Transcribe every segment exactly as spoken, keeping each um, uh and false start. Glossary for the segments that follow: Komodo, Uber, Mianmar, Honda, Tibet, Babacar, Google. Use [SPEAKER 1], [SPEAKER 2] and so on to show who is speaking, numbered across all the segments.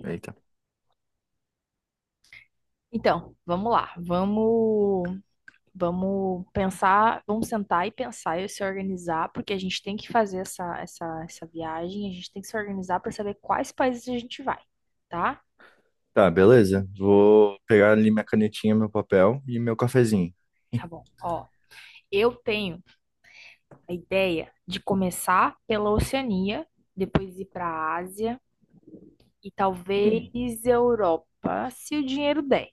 [SPEAKER 1] Eita.
[SPEAKER 2] Então, vamos lá, vamos, vamos pensar, vamos sentar e pensar e se organizar, porque a gente tem que fazer essa, essa, essa viagem, a gente tem que se organizar para saber quais países a gente vai, tá?
[SPEAKER 1] Tá, beleza. Vou pegar ali minha canetinha, meu papel e meu cafezinho.
[SPEAKER 2] Tá bom. Ó, eu tenho a ideia de começar pela Oceania, depois ir para a Ásia e
[SPEAKER 1] Hum,
[SPEAKER 2] talvez Europa, se o dinheiro der.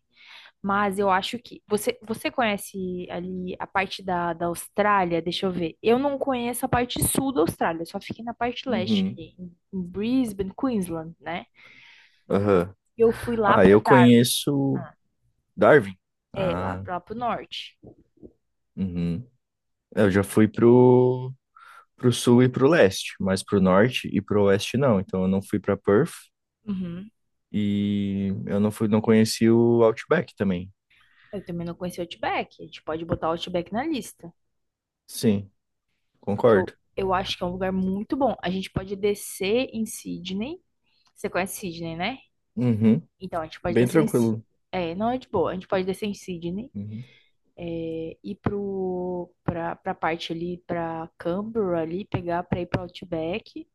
[SPEAKER 2] Mas eu acho que você, você conhece ali a parte da, da Austrália. Deixa eu ver. Eu não conheço a parte sul da Austrália, eu só fiquei na parte leste,
[SPEAKER 1] uhum,
[SPEAKER 2] ali, em em Brisbane, Queensland, né?
[SPEAKER 1] aham.
[SPEAKER 2] E eu fui lá
[SPEAKER 1] Ah,
[SPEAKER 2] para
[SPEAKER 1] eu
[SPEAKER 2] Darwin.
[SPEAKER 1] conheço
[SPEAKER 2] Ah,
[SPEAKER 1] Darwin.
[SPEAKER 2] é, lá,
[SPEAKER 1] Ah,
[SPEAKER 2] lá pro norte.
[SPEAKER 1] uhum. Eu já fui pro, pro sul e pro leste, mas pro norte e pro oeste não. Então eu não fui pra Perth
[SPEAKER 2] Uhum.
[SPEAKER 1] e eu não fui, não conheci o Outback também.
[SPEAKER 2] Eu também não conheci o Outback. A gente pode botar o Outback na lista,
[SPEAKER 1] Sim,
[SPEAKER 2] porque eu,
[SPEAKER 1] concordo.
[SPEAKER 2] eu acho que é um lugar muito bom. A gente pode descer em Sydney. Você conhece Sydney, né?
[SPEAKER 1] Uhum.
[SPEAKER 2] Então a gente pode
[SPEAKER 1] Bem
[SPEAKER 2] descer em. Sy-
[SPEAKER 1] tranquilo.
[SPEAKER 2] É, não é de boa. A gente pode descer em Sydney,
[SPEAKER 1] Uhum.
[SPEAKER 2] ir para pra, pra parte ali, para Canberra ali, pegar para ir para Outback.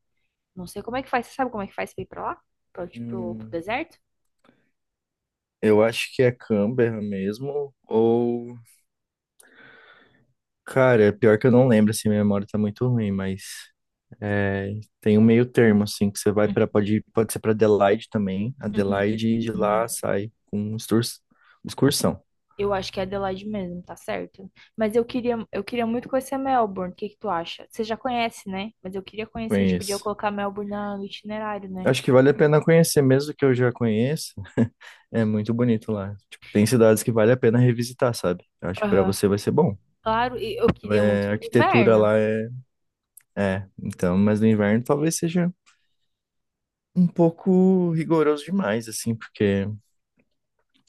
[SPEAKER 2] Não sei como é que faz, você sabe como é que faz para ir para lá? Para tipo, pro, pro
[SPEAKER 1] Hum,
[SPEAKER 2] deserto?
[SPEAKER 1] eu acho que é Canberra mesmo, ou... Cara, é pior que eu não lembro, assim, minha memória tá muito ruim, mas... É, tem um meio termo, assim, que você vai para pode, pode ser para Adelaide também,
[SPEAKER 2] Uhum,
[SPEAKER 1] Adelaide, e de
[SPEAKER 2] uhum.
[SPEAKER 1] lá sai com exturs- excursão.
[SPEAKER 2] Eu acho que é Adelaide mesmo, tá certo? Mas eu queria, eu queria muito conhecer Melbourne, o que que tu acha? Você já conhece, né? Mas eu queria conhecer, tipo, podia
[SPEAKER 1] Conheço.
[SPEAKER 2] colocar Melbourne na- no itinerário, né?
[SPEAKER 1] Acho que vale a pena conhecer, mesmo que eu já conheça. É muito bonito lá. Tipo, tem cidades que vale a pena revisitar, sabe? Eu acho que para
[SPEAKER 2] Aham.
[SPEAKER 1] você vai ser bom.
[SPEAKER 2] Claro, e eu queria
[SPEAKER 1] É,
[SPEAKER 2] muito
[SPEAKER 1] a
[SPEAKER 2] no
[SPEAKER 1] arquitetura
[SPEAKER 2] inverno.
[SPEAKER 1] lá é. É, então, mas no inverno talvez seja um pouco rigoroso demais, assim, porque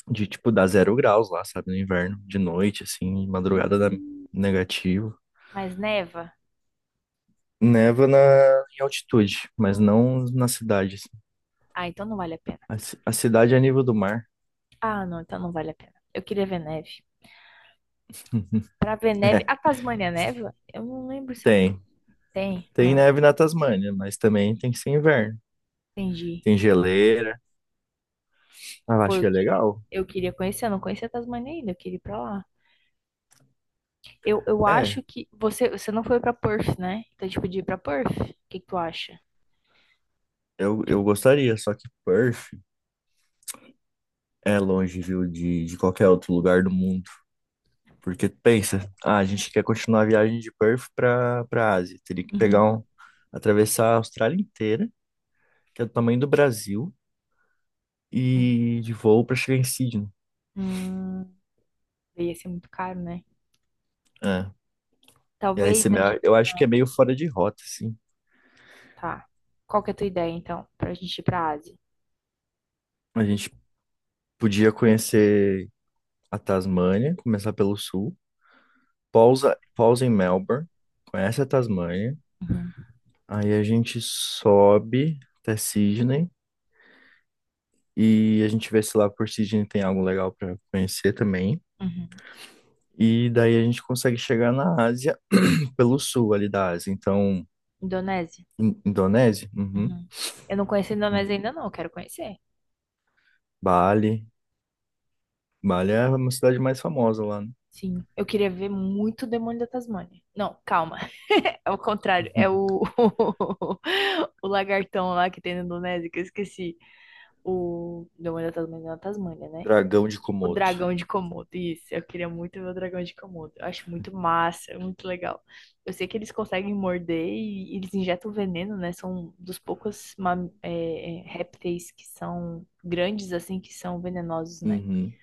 [SPEAKER 1] de tipo dá zero graus lá, sabe, no inverno, de noite, assim, de madrugada dá
[SPEAKER 2] Hum,
[SPEAKER 1] negativo.
[SPEAKER 2] mas neva?
[SPEAKER 1] Neva na, em altitude, mas
[SPEAKER 2] Hum.
[SPEAKER 1] não na cidade, assim.
[SPEAKER 2] Ah, então não vale a pena.
[SPEAKER 1] A, ci- a cidade é a nível do mar.
[SPEAKER 2] Ah, não, então não vale a pena. Eu queria ver neve. Pra ver neve.
[SPEAKER 1] É,
[SPEAKER 2] A Tasmânia neva? Eu não lembro se a
[SPEAKER 1] tem.
[SPEAKER 2] Tasmânia tem.
[SPEAKER 1] Tem
[SPEAKER 2] Ah,
[SPEAKER 1] neve na Tasmânia, mas também tem que ser inverno.
[SPEAKER 2] entendi.
[SPEAKER 1] Tem geleira. Ah, eu
[SPEAKER 2] Pô,
[SPEAKER 1] acho
[SPEAKER 2] eu
[SPEAKER 1] que é
[SPEAKER 2] queria,
[SPEAKER 1] legal.
[SPEAKER 2] eu queria conhecer. Eu não conhecia a Tasmânia ainda. Eu queria ir pra lá. Eu, eu
[SPEAKER 1] É,
[SPEAKER 2] acho que. Você, você não foi pra Perth, né? Então, tipo, de ir pra Perth? O que que tu acha?
[SPEAKER 1] eu, eu gostaria, só que Perth é longe, viu, de, de qualquer outro lugar do mundo. Porque pensa, ah, a gente quer continuar a viagem de Perth para para Ásia. Teria que pegar
[SPEAKER 2] Uhum.
[SPEAKER 1] um, atravessar a Austrália inteira, que é do tamanho do Brasil,
[SPEAKER 2] Hum,
[SPEAKER 1] e de voo para chegar em Sydney.
[SPEAKER 2] hum, ia ser muito caro, né?
[SPEAKER 1] É. E aí
[SPEAKER 2] Talvez
[SPEAKER 1] você,
[SPEAKER 2] a
[SPEAKER 1] me-
[SPEAKER 2] gente.
[SPEAKER 1] eu acho que
[SPEAKER 2] Ah,
[SPEAKER 1] é meio fora de rota, assim.
[SPEAKER 2] tá. Qual que é a tua ideia, então, pra gente ir pra Ásia?
[SPEAKER 1] A gente podia conhecer a Tasmânia, começar pelo sul, pausa, pausa em Melbourne, conhece a Tasmânia,
[SPEAKER 2] Uhum.
[SPEAKER 1] aí a gente sobe até Sydney e a gente vê se lá por Sydney tem algo legal para conhecer também.
[SPEAKER 2] Uhum.
[SPEAKER 1] E daí a gente consegue chegar na Ásia pelo sul ali da Ásia. Então,
[SPEAKER 2] Indonésia?
[SPEAKER 1] In- Indonésia? Uhum.
[SPEAKER 2] Uhum. Eu não conheço a Indonésia ainda, não. eu Quero conhecer.
[SPEAKER 1] Bali. Bali é uma cidade mais famosa lá, né?
[SPEAKER 2] Sim, eu queria ver muito o Demônio da Tasmânia. Não, calma, é o contrário, é o, o lagartão lá que tem na Indonésia, que eu esqueci. O Demônio da Tasmânia é na Tasmânia, né?
[SPEAKER 1] Dragão de
[SPEAKER 2] O
[SPEAKER 1] Komodo.
[SPEAKER 2] dragão de Komodo, isso, eu queria muito ver o dragão de Komodo. Eu acho muito massa, é muito legal. Eu sei que eles conseguem morder e eles injetam veneno, né? São dos poucos mam- é, é, répteis que são grandes, assim, que são venenosos, né?
[SPEAKER 1] Uhum.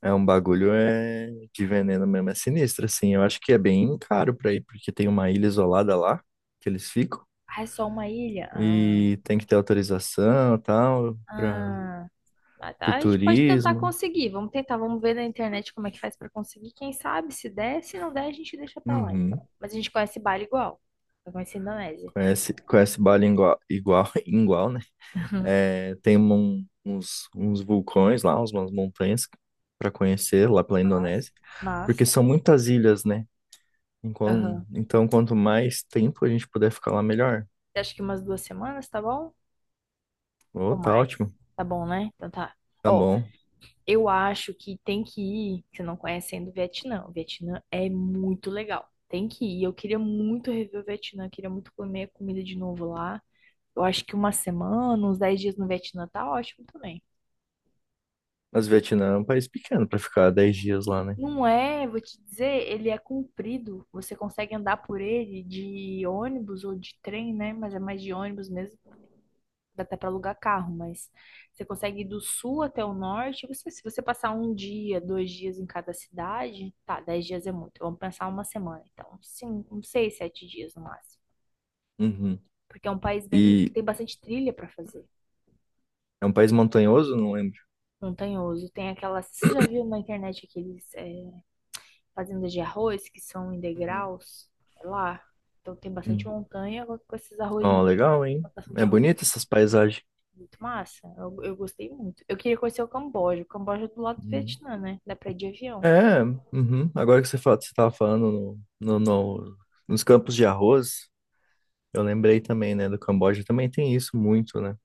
[SPEAKER 1] É um bagulho é de veneno mesmo, é sinistro, assim. Eu acho que é bem caro pra ir, porque tem uma ilha isolada lá que eles ficam
[SPEAKER 2] Ah, é só uma ilha? Ah,
[SPEAKER 1] e tem que ter autorização e tal para
[SPEAKER 2] ah. Ah,
[SPEAKER 1] o
[SPEAKER 2] tá, A gente pode tentar
[SPEAKER 1] turismo.
[SPEAKER 2] conseguir. Vamos tentar, vamos ver na internet como é que faz pra conseguir. Quem sabe, se der, se não der, a gente deixa pra lá, então.
[SPEAKER 1] Uhum.
[SPEAKER 2] Mas a gente conhece Bali igual. Eu conheci a Indonésia.
[SPEAKER 1] Conhece, conhece Bali igual, igual, igual, né? É, tem um- uns, uns vulcões lá, uns- umas montanhas para conhecer lá pela
[SPEAKER 2] Mas,
[SPEAKER 1] Indonésia, porque
[SPEAKER 2] massa.
[SPEAKER 1] são muitas ilhas, né? Enquan-
[SPEAKER 2] Aham.
[SPEAKER 1] Então, quanto mais tempo a gente puder ficar lá, melhor.
[SPEAKER 2] Você acha que umas duas semanas, tá bom?
[SPEAKER 1] Oh,
[SPEAKER 2] Ou
[SPEAKER 1] tá
[SPEAKER 2] mais?
[SPEAKER 1] ótimo,
[SPEAKER 2] Tá bom, né? Então tá.
[SPEAKER 1] tá
[SPEAKER 2] Ó,
[SPEAKER 1] bom.
[SPEAKER 2] eu acho que tem que ir, se não conhecendo o Vietnã. O Vietnã é muito legal. Tem que ir. Eu queria muito rever o Vietnã, queria muito comer a comida de novo lá. Eu acho que uma semana, uns dez dias no Vietnã tá ótimo também.
[SPEAKER 1] Mas o Vietnã é um país pequeno para ficar dez dias lá, né?
[SPEAKER 2] Não é, vou te dizer, ele é comprido. Você consegue andar por ele de ônibus ou de trem, né? Mas é mais de ônibus mesmo. Dá até para alugar carro, mas você consegue ir do sul até o norte. Você, se você passar um dia, dois dias em cada cidade, tá, dez dias é muito. Vamos pensar uma semana, então, cinco, uns seis, sete dias no máximo.
[SPEAKER 1] Uhum.
[SPEAKER 2] Porque é um país bem,
[SPEAKER 1] E
[SPEAKER 2] tem bastante trilha para fazer,
[SPEAKER 1] é um país montanhoso, não lembro.
[SPEAKER 2] montanhoso. Tem aquela. você já viu na internet aqueles é, fazendas de arroz que são em
[SPEAKER 1] Uhum.
[SPEAKER 2] degraus, é lá. Então tem bastante montanha com com esses arroz, em
[SPEAKER 1] Ó,
[SPEAKER 2] de-
[SPEAKER 1] legal,
[SPEAKER 2] a
[SPEAKER 1] hein?
[SPEAKER 2] plantação de
[SPEAKER 1] É
[SPEAKER 2] arroz
[SPEAKER 1] bonita
[SPEAKER 2] é
[SPEAKER 1] essas paisagens.
[SPEAKER 2] muito massa. Eu, eu gostei muito. Eu queria conhecer o Camboja. O Camboja é do lado do
[SPEAKER 1] Hum.
[SPEAKER 2] Vietnã, né? Dá pra ir de avião.
[SPEAKER 1] É, uhum. Agora que você fala, você estava falando no, no- no- nos campos de arroz, eu lembrei também, né, do Camboja, também tem isso muito, né?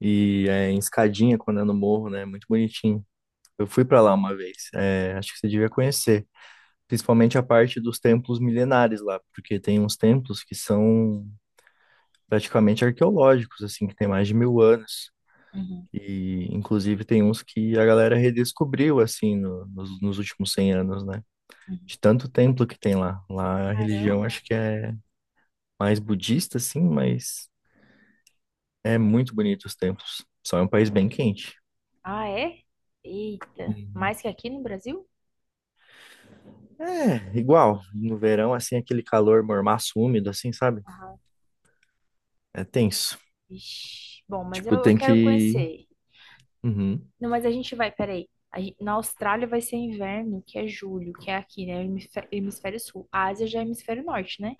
[SPEAKER 1] E é em escadinha, quando é no morro, né? Muito bonitinho. Eu fui para lá uma vez, é, acho que você devia conhecer. Principalmente a parte dos templos milenares lá, porque tem uns templos que são praticamente arqueológicos, assim, que tem mais de mil anos.
[SPEAKER 2] Uhum,
[SPEAKER 1] E, inclusive, tem uns que a galera redescobriu, assim, no- nos, nos últimos cem anos, né?
[SPEAKER 2] uhum.
[SPEAKER 1] De tanto templo que tem lá. Lá a religião
[SPEAKER 2] Caramba.
[SPEAKER 1] acho que é mais budista, assim, mas é muito bonito os templos. Só é um país bem quente.
[SPEAKER 2] Ah, é? Eita.
[SPEAKER 1] Uhum.
[SPEAKER 2] Mais que aqui no Brasil?
[SPEAKER 1] É, igual. No verão, assim, aquele calor mormaço úmido, assim, sabe?
[SPEAKER 2] Aham.
[SPEAKER 1] É tenso.
[SPEAKER 2] Ixi. Bom, mas eu,
[SPEAKER 1] Tipo,
[SPEAKER 2] eu
[SPEAKER 1] tem
[SPEAKER 2] quero
[SPEAKER 1] que...
[SPEAKER 2] conhecer.
[SPEAKER 1] Uhum.
[SPEAKER 2] Não, mas a gente vai, peraí. A gen- Na Austrália vai ser inverno, que é julho, que é aqui, né? Hemisfé- Hemisfério Sul. A Ásia já é hemisfério norte, né?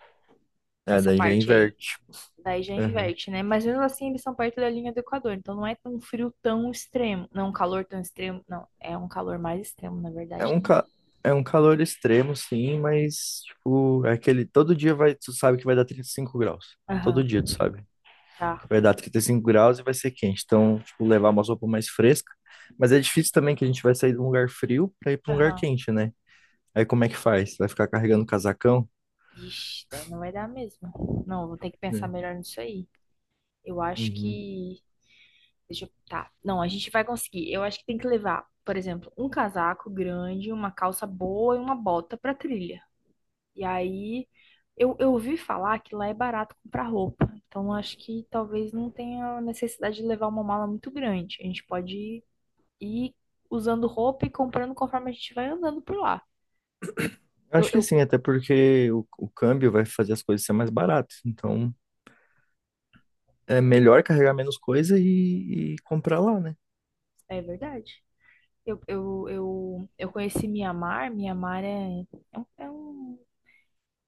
[SPEAKER 1] É,
[SPEAKER 2] essa
[SPEAKER 1] daí já
[SPEAKER 2] parte aí.
[SPEAKER 1] inverte.
[SPEAKER 2] Daí já inverte, né? Mas mesmo assim eles são perto da linha do Equador, então não é um frio tão extremo. Não, é um calor tão extremo. Não, é um calor mais extremo, na
[SPEAKER 1] É
[SPEAKER 2] verdade,
[SPEAKER 1] um,
[SPEAKER 2] né?
[SPEAKER 1] ca... é um calor extremo, sim, mas, tipo, é aquele. Todo dia vai, tu sabe que vai dar trinta e cinco graus. Todo
[SPEAKER 2] Aham,
[SPEAKER 1] dia tu sabe
[SPEAKER 2] tá.
[SPEAKER 1] que vai dar trinta e cinco graus e vai ser quente. Então, tipo, levar uma roupa mais fresca. Mas é difícil também que a gente vai sair de um lugar frio pra ir pra um lugar
[SPEAKER 2] Aham.
[SPEAKER 1] quente, né? Aí como é que faz? Vai ficar carregando casacão?
[SPEAKER 2] Ixi, daí não vai dar mesmo. Não, vou ter que pensar
[SPEAKER 1] É.
[SPEAKER 2] melhor nisso aí. Eu acho
[SPEAKER 1] Uhum.
[SPEAKER 2] que. Deixa eu. Tá. Não, a gente vai conseguir. Eu acho que tem que levar, por exemplo, um casaco grande, uma calça boa e uma bota pra trilha. E aí eu, eu ouvi falar que lá é barato comprar roupa. Então acho que talvez não tenha necessidade de levar uma mala muito grande. A gente pode ir usando roupa e comprando conforme a gente vai andando por lá.
[SPEAKER 1] Eu
[SPEAKER 2] Eu,
[SPEAKER 1] acho que
[SPEAKER 2] eu,
[SPEAKER 1] sim, até porque o, o câmbio vai fazer as coisas ser mais baratas. Então, é melhor carregar menos coisa e, e comprar lá, né?
[SPEAKER 2] é verdade. Eu, eu, eu, eu conheci Mianmar. Mianmar é, é, um, é um,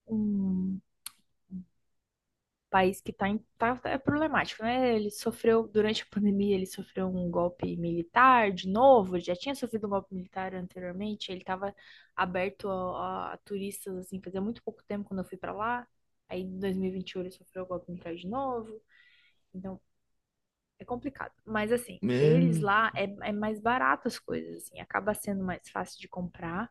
[SPEAKER 2] um país que tá, em- tá- é problemático, né? Ele sofreu, durante a pandemia, ele sofreu um golpe militar de novo, ele já tinha sofrido um golpe militar anteriormente, ele estava aberto a, a a turistas, assim, fazia muito pouco tempo quando eu fui para lá, aí em dois mil e vinte e um ele sofreu o golpe militar de novo, então é complicado. Mas, assim, eles
[SPEAKER 1] Meu.
[SPEAKER 2] lá é, é mais barato as coisas, assim, acaba sendo mais fácil de comprar,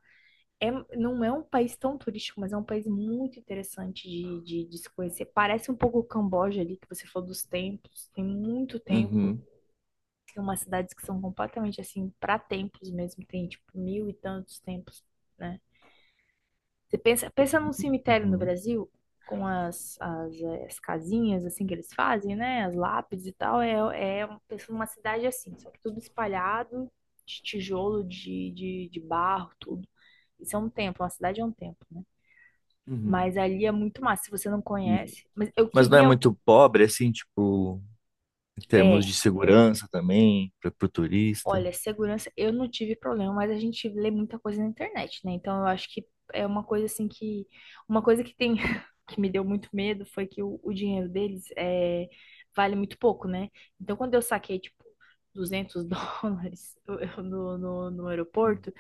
[SPEAKER 2] é, não é um país tão turístico, mas é um país muito interessante de, de, de se conhecer. Parece um pouco o Camboja ali, que você falou dos templos. Tem muito templo.
[SPEAKER 1] Uhum.
[SPEAKER 2] Tem umas cidades que são completamente assim, para templos mesmo. Tem tipo mil e tantos templos, né? Você pensa, pensa num
[SPEAKER 1] Uhum.
[SPEAKER 2] cemitério no
[SPEAKER 1] Uhum.
[SPEAKER 2] Brasil, com as, as, eh, as casinhas assim que eles fazem, né? As lápides e tal. É, é um- pensa numa cidade assim, só que tudo espalhado, de tijolo, de, de, de barro, tudo. Isso é um templo, uma cidade é um templo, né?
[SPEAKER 1] Uhum.
[SPEAKER 2] Mas ali é muito massa, se você não
[SPEAKER 1] E-
[SPEAKER 2] conhece. Mas eu
[SPEAKER 1] mas não é
[SPEAKER 2] queria.
[SPEAKER 1] muito pobre, assim, tipo, em termos
[SPEAKER 2] É,
[SPEAKER 1] de segurança também, para o turista.
[SPEAKER 2] olha, segurança, eu não tive problema, mas a gente lê muita coisa na internet, né? Então eu acho que é uma coisa assim que. Uma coisa que tem. que me deu muito medo foi que o, o dinheiro deles é, vale muito pouco, né? Então quando eu saquei, tipo, duzentos dólares no, no, no
[SPEAKER 1] Hum.
[SPEAKER 2] aeroporto,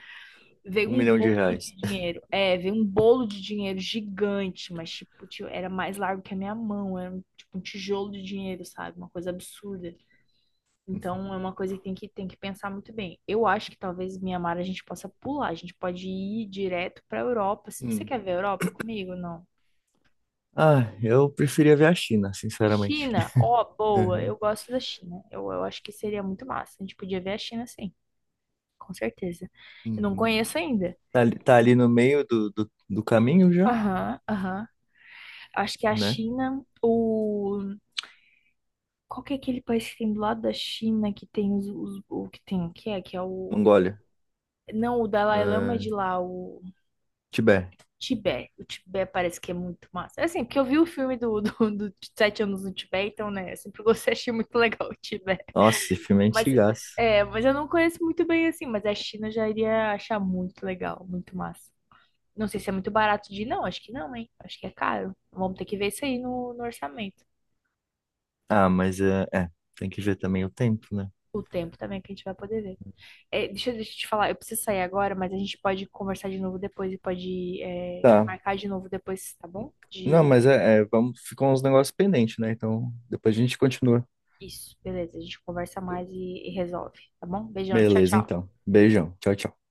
[SPEAKER 2] veio
[SPEAKER 1] Um
[SPEAKER 2] um
[SPEAKER 1] milhão de
[SPEAKER 2] bolo
[SPEAKER 1] reais.
[SPEAKER 2] de dinheiro. É, veio um bolo de dinheiro gigante, mas tipo, tio, era mais largo que a minha mão. Era um- tipo um tijolo de dinheiro, sabe? Uma coisa absurda. Então é uma coisa que tem que, tem que pensar muito bem. Eu acho que talvez Mianmar a gente possa pular. A gente pode ir direto pra Europa. Você
[SPEAKER 1] Hum.
[SPEAKER 2] quer ver a Europa comigo? Não.
[SPEAKER 1] Ah, eu preferia ver a China, sinceramente.
[SPEAKER 2] China, ó, boa.
[SPEAKER 1] Uhum.
[SPEAKER 2] Eu gosto da China. Eu, eu acho que seria muito massa. A gente podia ver a China sim, com certeza. Eu não
[SPEAKER 1] Uhum.
[SPEAKER 2] conheço ainda.
[SPEAKER 1] Tá, ali tá ali no meio do, do, do caminho já,
[SPEAKER 2] Aham, aham. Acho que a
[SPEAKER 1] né?
[SPEAKER 2] China. O Qual que é aquele país que tem do lado da China que tem os, os- o que tem que é que é o
[SPEAKER 1] Mongólia.
[SPEAKER 2] não o Dalai Lama é
[SPEAKER 1] Ah,
[SPEAKER 2] de lá o
[SPEAKER 1] Tibete.
[SPEAKER 2] Tibete. O Tibete parece que é muito massa. É, assim, porque eu vi o filme do, do, do Sete Anos no Tibete, então né, eu sempre gostei, achei muito legal o Tibete.
[SPEAKER 1] Nossa, esse filme é
[SPEAKER 2] Mas
[SPEAKER 1] antigaço.
[SPEAKER 2] é, mas eu não conheço muito bem assim, mas a China eu já iria achar muito legal, muito massa. Não sei se é muito barato de ir, não, acho que não, hein? Acho que é caro. Vamos ter que ver isso aí no, no orçamento.
[SPEAKER 1] Ah, mas é, é, tem que ver também o tempo, né?
[SPEAKER 2] O tempo também que a gente vai poder ver. É, deixa, eu- deixa eu te falar, eu preciso sair agora, mas a gente pode conversar de novo depois e pode, é,
[SPEAKER 1] Tá.
[SPEAKER 2] marcar de novo depois, tá bom?
[SPEAKER 1] Não, mas
[SPEAKER 2] De...
[SPEAKER 1] é, é, vamos, ficam uns negócios pendentes, né? Então, depois a gente continua.
[SPEAKER 2] Isso, beleza. A gente conversa mais e, e resolve, tá bom? Beijão, tchau,
[SPEAKER 1] Beleza,
[SPEAKER 2] tchau.
[SPEAKER 1] então. Beijão. Tchau, tchau.